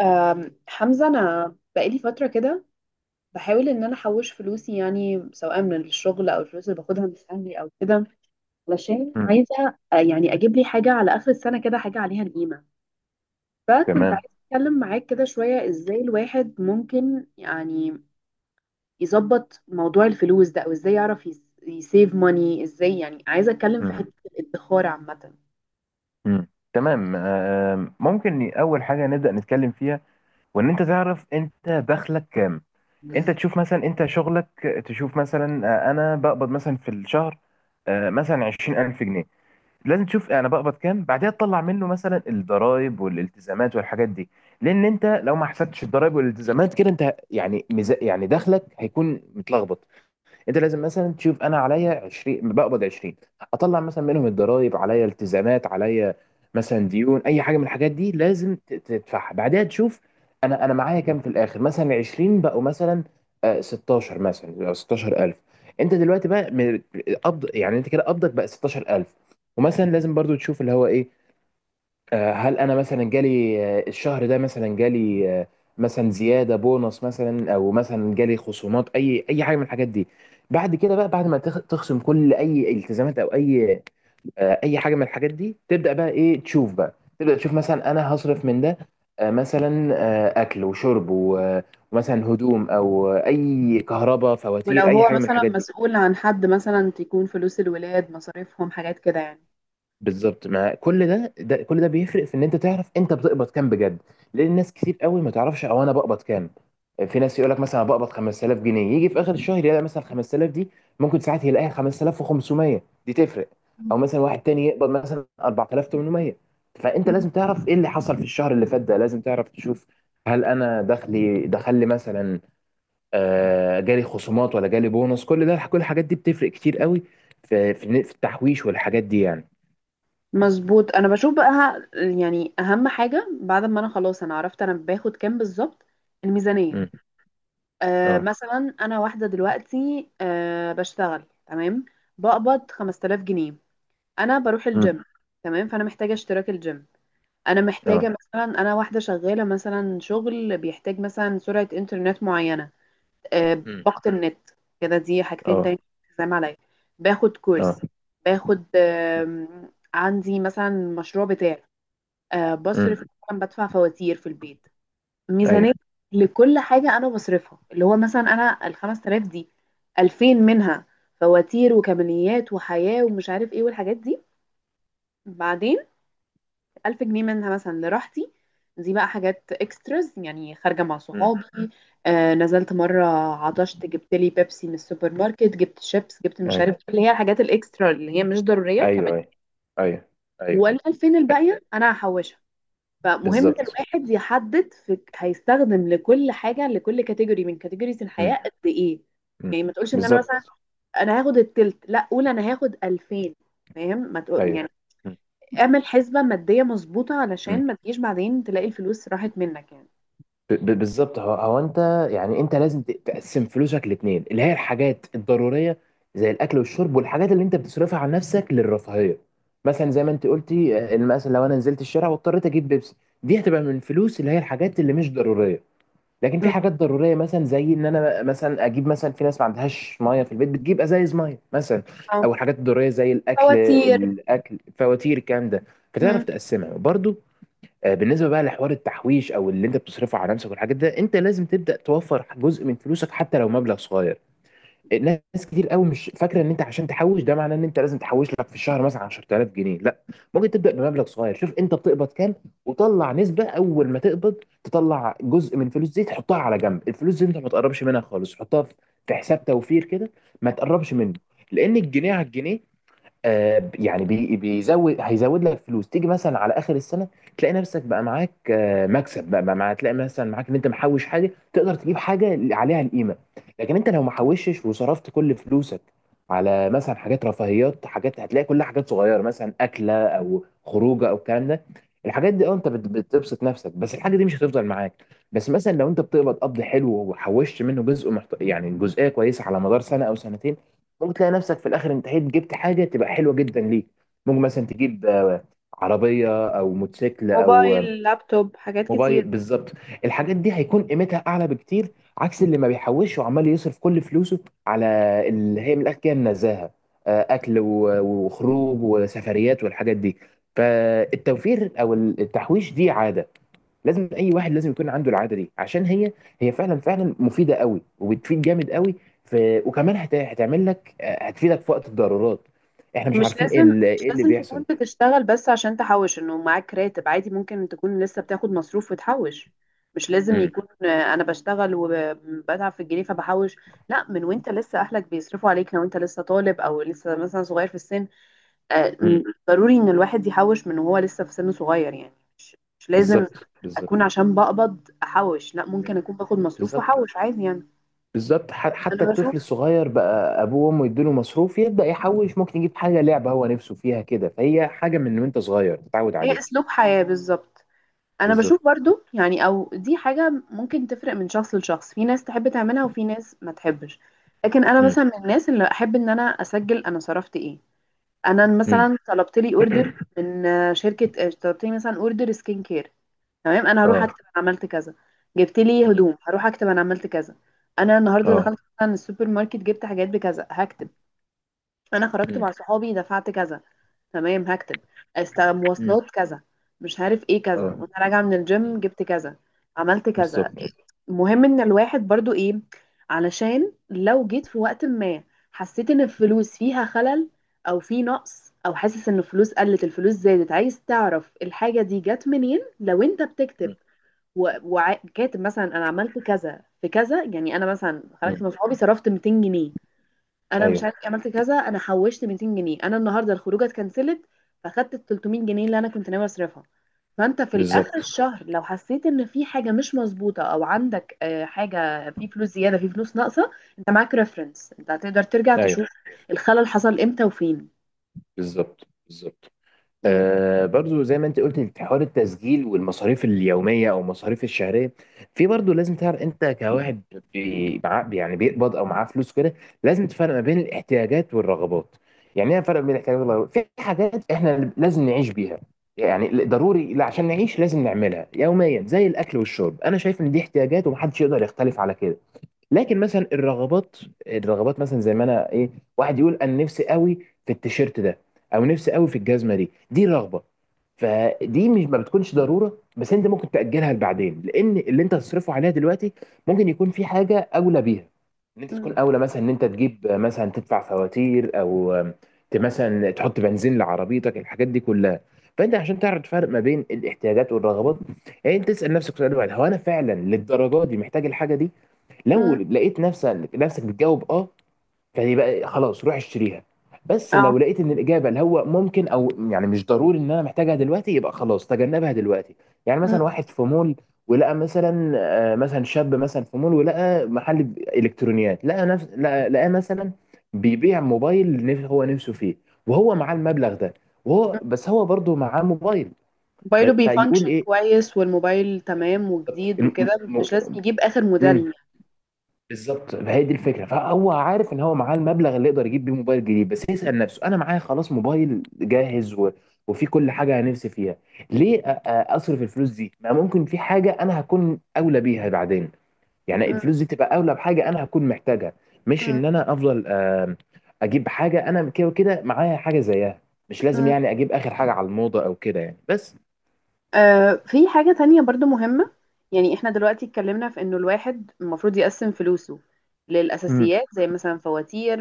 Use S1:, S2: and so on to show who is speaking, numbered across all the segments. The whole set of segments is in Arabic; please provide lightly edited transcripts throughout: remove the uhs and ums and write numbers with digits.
S1: حمزة، أنا بقالي فترة كده بحاول إن أنا أحوش فلوسي، يعني سواء من الشغل أو الفلوس اللي باخدها من أهلي أو كده، علشان
S2: مم.
S1: عايزة يعني أجيب لي حاجة على آخر السنة، كده حاجة عليها القيمة. فكنت
S2: تمام.
S1: عايزة أتكلم معاك كده شوية إزاي الواحد ممكن يعني يظبط موضوع الفلوس ده، أو إزاي يعرف يسيف ماني. إزاي يعني عايزة أتكلم في
S2: مم.
S1: حتة الادخار عامة.
S2: مم. تمام. ممكن اول حاجه نبدا نتكلم فيها، وان انت تعرف انت دخلك كام. انت تشوف مثلا انت شغلك، تشوف مثلا انا بقبض مثلا في الشهر مثلا 20000 جنيه. لازم تشوف انا بقبض كام، بعدها تطلع منه مثلا الضرائب والالتزامات والحاجات دي. لان انت لو ما حسبتش الضرائب والالتزامات كده، انت يعني يعني دخلك هيكون متلخبط. انت لازم مثلا تشوف انا عليا 20، بقبض 20، اطلع مثلا منهم الضرايب عليا، التزامات عليا، مثلا ديون، اي حاجه من الحاجات دي لازم تدفعها. بعدها تشوف انا معايا كام في الاخر. مثلا 20 بقوا مثلا 16، مثلا بقوا 16000. انت دلوقتي بقى قبض، يعني انت كده قبضك بقى 16000. ومثلا لازم برضو تشوف اللي هو ايه. هل انا مثلا جالي الشهر ده مثلا جالي مثلا زياده، بونص مثلا، او مثلا جالي خصومات، اي حاجه من الحاجات دي. بعد كده بقى، بعد ما تخصم كل اي التزامات او اي اي حاجه من الحاجات دي، تبدا بقى ايه، تشوف بقى، تبدا تشوف مثلا انا هصرف من ده مثلا اكل وشرب ومثلا هدوم، او اي كهرباء،
S1: ولو
S2: فواتير، اي
S1: هو
S2: حاجه من
S1: مثلا
S2: الحاجات دي.
S1: مسؤول عن حد، مثلا تكون فلوس الولاد مصاريفهم حاجات كده.
S2: بالظبط. مع كل ده، كل ده بيفرق في ان انت تعرف انت بتقبض كام بجد. لان ناس كتير قوي ما تعرفش او انا بقبض كام. في ناس يقول لك مثلا أنا بقبض 5000 جنيه، يجي في اخر الشهر يلاقي مثلا 5000 دي ممكن ساعات يلاقيها 5500، دي تفرق. او
S1: يعني
S2: مثلا واحد تاني يقبض مثلا 4800. فانت لازم تعرف ايه اللي حصل في الشهر اللي فات ده. لازم تعرف تشوف هل انا دخلي دخل لي مثلا جالي خصومات ولا جالي بونص. كل ده، كل الحاجات دي بتفرق كتير قوي في في التحويش والحاجات دي يعني.
S1: مظبوط. انا بشوف بقى يعني اهم حاجه بعد ما انا خلاص انا عرفت انا باخد كام بالظبط، الميزانيه. آه
S2: امم.
S1: مثلا انا واحده دلوقتي، آه بشتغل، تمام، بقبض 5000 جنيه. انا بروح
S2: امم.
S1: الجيم، تمام، فانا محتاجه اشتراك الجيم. انا محتاجه
S2: اه.
S1: مثلا، انا واحده شغاله مثلا شغل بيحتاج مثلا سرعه انترنت معينه،
S2: امم.
S1: باقه النت، كده دي حاجتين
S2: اه.
S1: تاني. زي ما عليا باخد
S2: اه.
S1: كورس، باخد عندي مثلا مشروع بتاعي.
S2: امم.
S1: بصرف، مثلا بدفع فواتير في البيت.
S2: ايوه.
S1: ميزانية لكل حاجة أنا بصرفها، اللي هو مثلا أنا الخمس تلاف دي، ألفين منها فواتير وكماليات وحياة ومش عارف إيه والحاجات دي. بعدين ألف جنيه منها مثلا لراحتي، دي بقى حاجات اكستراز، يعني خارجة مع
S2: امم.
S1: صحابي. آه نزلت مرة، عطشت، جبت لي بيبسي من السوبر ماركت، جبت شيبس، جبت مش عارف
S2: ايوه.
S1: إيه، اللي هي الحاجات الاكسترا اللي هي مش ضرورية كمان.
S2: ايوه. ايوه. ايوه. ايوه.
S1: والألفين الباقية أنا هحوشها. فمهم ان
S2: بالظبط.
S1: الواحد يحدد في هيستخدم لكل حاجه، لكل كاتيجوري من كاتيجوريز الحياه
S2: امم.
S1: قد ايه.
S2: امم.
S1: يعني ما تقولش ان انا مثلا
S2: بالظبط.
S1: انا هاخد التلت، لا قول انا هاخد 2000. فاهم ما تقول
S2: ايوه.
S1: يعني؟
S2: امم.
S1: اعمل حسبه ماديه مظبوطه
S2: امم.
S1: علشان ما تجيش بعدين تلاقي الفلوس راحت منك يعني.
S2: بالظبط. هو هو انت، يعني انت لازم تقسم فلوسك لاتنين، اللي هي الحاجات الضروريه زي الاكل والشرب، والحاجات اللي انت بتصرفها على نفسك للرفاهيه. مثلا زي ما انت قلتي مثلا لو انا نزلت الشارع واضطريت اجيب بيبسي، دي هتبقى من الفلوس اللي هي الحاجات اللي مش ضروريه. لكن في
S1: مم.
S2: حاجات ضروريه مثلا زي ان انا مثلا اجيب مثلا، في ناس ما عندهاش ميه في البيت بتجيب ازايز ميه مثلا،
S1: اه.
S2: او الحاجات الضروريه زي
S1: فواتير.
S2: الاكل، فواتير، الكلام ده، فتعرف
S1: مم.
S2: تقسمها برضو. بالنسبه بقى لحوار التحويش او اللي انت بتصرفه على نفسك والحاجات ده، انت لازم تبدا توفر جزء من فلوسك حتى لو مبلغ صغير. ناس كتير قوي مش فاكره ان انت عشان تحوش ده معناه ان انت لازم تحوش لك في الشهر مثلا 10000 جنيه، لا. ممكن تبدا بمبلغ صغير، شوف انت بتقبض كام وطلع نسبه، اول ما تقبض تطلع جزء من الفلوس دي تحطها على جنب. الفلوس دي انت ما تقربش منها خالص، حطها في حساب توفير كده، ما تقربش منه. لان الجنيه على الجنيه يعني بيزود، هيزود لك فلوس. تيجي مثلا على اخر السنه، تلاقي نفسك بقى معاك مكسب بقى بقى مع تلاقي مثلا معاك ان انت محوش حاجه، تقدر تجيب حاجه عليها القيمه. لكن انت لو محوشش وصرفت كل فلوسك على مثلا حاجات رفاهيات، حاجات هتلاقي كلها حاجات صغيره مثلا اكله او خروجه او الكلام ده. الحاجات دي اه انت بتبسط نفسك، بس الحاجه دي مش هتفضل معاك. بس مثلا لو انت بتقبض قبض حلو وحوشت منه جزء يعني جزئيه كويسه، على مدار سنه او سنتين ممكن تلاقي نفسك في الاخر انتهيت، جبت حاجه تبقى حلوه جدا ليك. ممكن مثلا تجيب عربيه او موتوسيكل او
S1: موبايل، لابتوب، حاجات
S2: موبايل.
S1: كتير.
S2: بالظبط. الحاجات دي هيكون قيمتها اعلى بكتير، عكس اللي ما بيحوش وعمال يصرف كل فلوسه على اللي هي من الاخر كده النزاهه، اكل وخروج وسفريات والحاجات دي. فالتوفير او التحويش دي عاده، لازم اي واحد لازم يكون عنده العاده دي، عشان هي هي فعلا فعلا مفيده قوي وبتفيد جامد قوي في، وكمان هتعمل لك هتفيدك في وقت الضرورات. احنا مش
S1: مش
S2: عارفين ايه
S1: لازم مش
S2: إيه اللي
S1: لازم
S2: بيحصل.
S1: تكون بتشتغل بس عشان تحوش، انه معاك راتب عادي. ممكن تكون لسه بتاخد مصروف وتحوش. مش لازم
S2: امم.
S1: يكون انا بشتغل وبتعب في الجنيه فبحوش، لا، من وانت لسه اهلك بيصرفوا عليك، لو انت لسه طالب او لسه مثلا صغير في السن،
S2: امم.
S1: ضروري ان الواحد يحوش من وهو لسه في سن صغير يعني. مش لازم
S2: بالظبط.
S1: اكون
S2: بالظبط.
S1: عشان بقبض احوش، لا، ممكن
S2: مم.
S1: اكون باخد مصروف
S2: بالظبط.
S1: واحوش عادي يعني.
S2: بالظبط حتى
S1: انا بشوف
S2: الطفل الصغير بقى ابوه وامه يديله مصروف يبدا يحوش، ممكن يجيب حاجه لعبه هو نفسه فيها كده، فهي حاجه من وانت صغير تتعود
S1: هي
S2: عليها.
S1: اسلوب حياة بالظبط. انا
S2: بالظبط.
S1: بشوف برضو يعني، او دي حاجة ممكن تفرق من شخص لشخص، في ناس تحب تعملها وفي ناس ما تحبش. لكن انا
S2: امم.
S1: مثلا من الناس اللي احب ان انا اسجل انا صرفت ايه. انا
S2: امم.
S1: مثلا طلبت لي اوردر من شركة، طلبت لي مثلا اوردر سكين كير، تمام، انا هروح
S2: اه.
S1: اكتب انا عملت كذا. جبت لي
S2: امم.
S1: هدوم، هروح اكتب انا عملت كذا. انا النهارده
S2: اه.
S1: دخلت مثلا السوبر ماركت، جبت حاجات بكذا، هكتب. انا خرجت
S2: امم.
S1: مع صحابي دفعت كذا، تمام، هكتب. مواصلات كذا، مش عارف ايه كذا،
S2: اه.
S1: وانا راجعه من
S2: مم.
S1: الجيم جبت كذا، عملت كذا.
S2: بالظبط.
S1: المهم ان الواحد برضو ايه، علشان لو جيت في وقت ما حسيت ان الفلوس فيها خلل، او في نقص، او حاسس ان الفلوس قلت، الفلوس زادت، عايز تعرف الحاجه دي جت منين. لو انت بتكتب
S2: مم.
S1: وكاتب مثلا انا عملت كذا في كذا، يعني انا مثلا خرجت
S2: مم.
S1: مع صحابي صرفت 200 جنيه، انا مش
S2: ايوه.
S1: عارف إيه، عملت كذا، انا حوشت 200 جنيه، انا النهارده الخروجه اتكنسلت فاخدت ال 300 جنيه اللي انا كنت ناوي اصرفها. فانت في الاخر
S2: بالظبط.
S1: الشهر لو حسيت ان في حاجه مش مظبوطه، او عندك حاجه في فلوس زياده، في فلوس ناقصه، انت معاك ريفرنس انت هتقدر ترجع
S2: ايوه.
S1: تشوف الخلل حصل امتى وفين.
S2: بالظبط. بالظبط.
S1: مم.
S2: برضو زي ما انت قلت، حوار التسجيل والمصاريف اليوميه او المصاريف الشهريه في. برضو لازم تعرف انت كواحد معاه، يعني بيقبض او معاه فلوس كده، لازم تفرق ما بين الاحتياجات والرغبات. يعني ايه الفرق بين الاحتياجات والرغبات؟ في حاجات احنا لازم نعيش بيها، يعني ضروري لا عشان نعيش لازم نعملها يوميا زي الاكل والشرب، انا شايف ان دي احتياجات ومحدش يقدر يختلف على كده. لكن مثلا الرغبات، مثلا زي ما انا ايه، واحد يقول انا نفسي قوي في التيشيرت ده، او نفسي قوي في الجزمه دي، دي رغبه. فدي مش ما بتكونش ضروره، بس انت ممكن تاجلها لبعدين، لان اللي انت هتصرفه عليها دلوقتي ممكن يكون في حاجه اولى بيها، ان انت
S1: مم.
S2: تكون اولى مثلا ان انت تجيب مثلا تدفع فواتير، او مثلا تحط بنزين لعربيتك، الحاجات دي كلها. فانت عشان تعرف تفرق ما بين الاحتياجات والرغبات، يعني انت تسال نفسك سؤال واحد، هو انا فعلا للدرجه دي محتاج الحاجه دي؟ لو
S1: مم.
S2: لقيت نفسك بتجاوب اه، يعني بقى خلاص روح اشتريها. بس لو
S1: اه.
S2: لقيت ان الاجابه اللي هو ممكن او يعني مش ضروري ان انا محتاجها دلوقتي، يبقى خلاص تجنبها دلوقتي. يعني
S1: مم.
S2: مثلا واحد في مول ولقى مثلا مثلا شاب مثلا في مول ولقى محل الكترونيات، لقى نفس لقى لقى مثلا بيبيع موبايل، هو نفسه فيه، وهو معاه المبلغ ده، وهو
S1: مم.
S2: بس هو برضه معاه موبايل.
S1: موبايله
S2: فيقول
S1: بيفانكشن
S2: ايه؟
S1: كويس، والموبايل تمام
S2: بالظبط.
S1: وجديد وكده، مش لازم يجيب اخر
S2: م-
S1: موديل.
S2: بالظبط، فهي دي الفكره. فهو عارف ان هو معاه المبلغ اللي يقدر يجيب بيه موبايل جديد، بس يسال نفسه انا معايا خلاص موبايل جاهز، و... وفي كل حاجه انا نفسي فيها، ليه اصرف الفلوس دي؟ ما ممكن في حاجه انا هكون اولى بيها بعدين، يعني الفلوس دي تبقى اولى بحاجه انا هكون محتاجها، مش
S1: مم.
S2: ان انا افضل اجيب حاجه انا كده وكده معايا حاجه زيها، مش لازم
S1: مم.
S2: يعني اجيب اخر حاجه على الموضه او كده يعني بس.
S1: آه في حاجة تانية برضو مهمة. يعني احنا دلوقتي اتكلمنا في انه الواحد المفروض يقسم فلوسه
S2: امم.
S1: للأساسيات زي مثلا فواتير،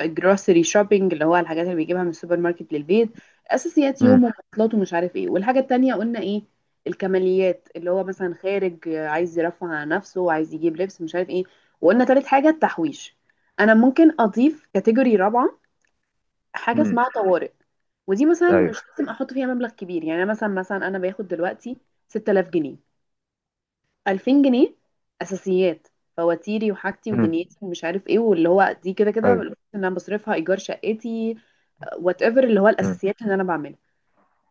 S1: جروسري شوبينج اللي هو الحاجات اللي بيجيبها من السوبر ماركت للبيت، أساسيات
S2: امم.
S1: يومه ومواصلاته ومش عارف ايه. والحاجة التانية قلنا ايه، الكماليات، اللي هو مثلا خارج عايز يرفه عن نفسه، عايز يجيب لبس، مش عارف ايه. وقلنا تالت حاجة التحويش. أنا ممكن أضيف كاتيجوري رابعة، حاجة
S2: امم.
S1: اسمها طوارئ. ودي مثلا مش
S2: ايوه.
S1: لازم احط فيها مبلغ كبير، يعني أنا مثلا، انا باخد دلوقتي 6000 جنيه، 2000 جنيه اساسيات، فواتيري وحاجتي
S2: امم.
S1: ودنيتي ومش عارف ايه، واللي هو دي كده كده
S2: ايوه.
S1: الفلوس اللي انا بصرفها، ايجار شقتي وات ايفر، اللي هو
S2: امم.
S1: الاساسيات اللي انا بعملها.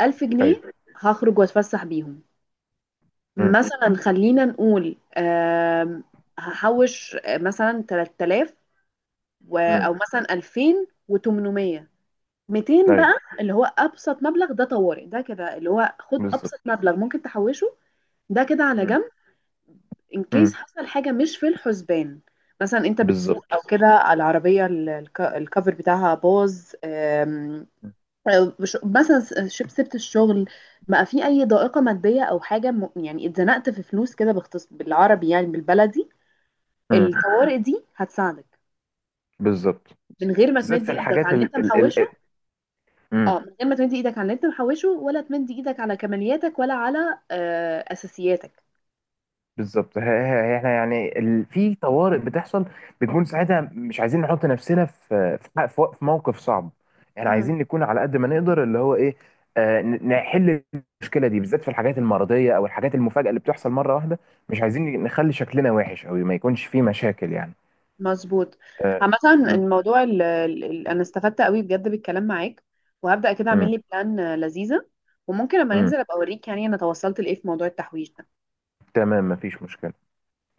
S1: 1000 جنيه
S2: ايوه.
S1: هخرج واتفسح بيهم،
S2: امم.
S1: مثلا خلينا نقول. هحوش مثلا 3000، و-
S2: امم.
S1: او مثلا 2800. 200
S2: ايوه.
S1: بقى، اللي هو ابسط مبلغ، ده طوارئ، ده كده اللي هو خد ابسط
S2: بالظبط.
S1: مبلغ ممكن تحوشه. ده كده على جنب، ان كيس
S2: امم.
S1: حصل حاجه مش في الحسبان. مثلا انت بتسوق او
S2: بالظبط.
S1: كده، العربيه الكفر بتاعها باظ. أو مثلا شب سبت الشغل، بقى في اي ضائقه ماديه او حاجه يعني اتزنقت في فلوس كده، باختص بالعربي يعني، بالبلدي.
S2: امم.
S1: الطوارئ دي هتساعدك
S2: بالظبط
S1: من غير ما
S2: بالذات
S1: تمد
S2: في
S1: ايدك
S2: الحاجات
S1: على اللي انت محوشه. اه،
S2: امم.
S1: من غير ما تمدي ايدك على اللي انت محوشه، ولا تمدي ايدك على كمالياتك، ولا على اساسياتك.
S2: بالظبط احنا يعني في طوارئ بتحصل، بنكون ساعتها مش عايزين نحط نفسنا في في, ح- في وق- في موقف صعب. احنا
S1: امم
S2: عايزين نكون على قد ما نقدر اللي هو ايه نحل المشكله دي، بالذات في الحاجات المرضيه او الحاجات المفاجاه اللي بتحصل مره واحده، مش عايزين نخلي شكلنا وحش او ما يكونش فيه مشاكل يعني.
S1: مظبوط.
S2: آه.
S1: عامة الموضوع ال ال ال انا استفدت قوي بجد بالكلام معاك، وهبدأ كده اعمل
S2: امم.
S1: لي بلان لذيذة. وممكن لما
S2: امم.
S1: ننزل ابقى اوريك يعني انا توصلت لايه في موضوع التحويش ده.
S2: تمام، مفيش مشكله.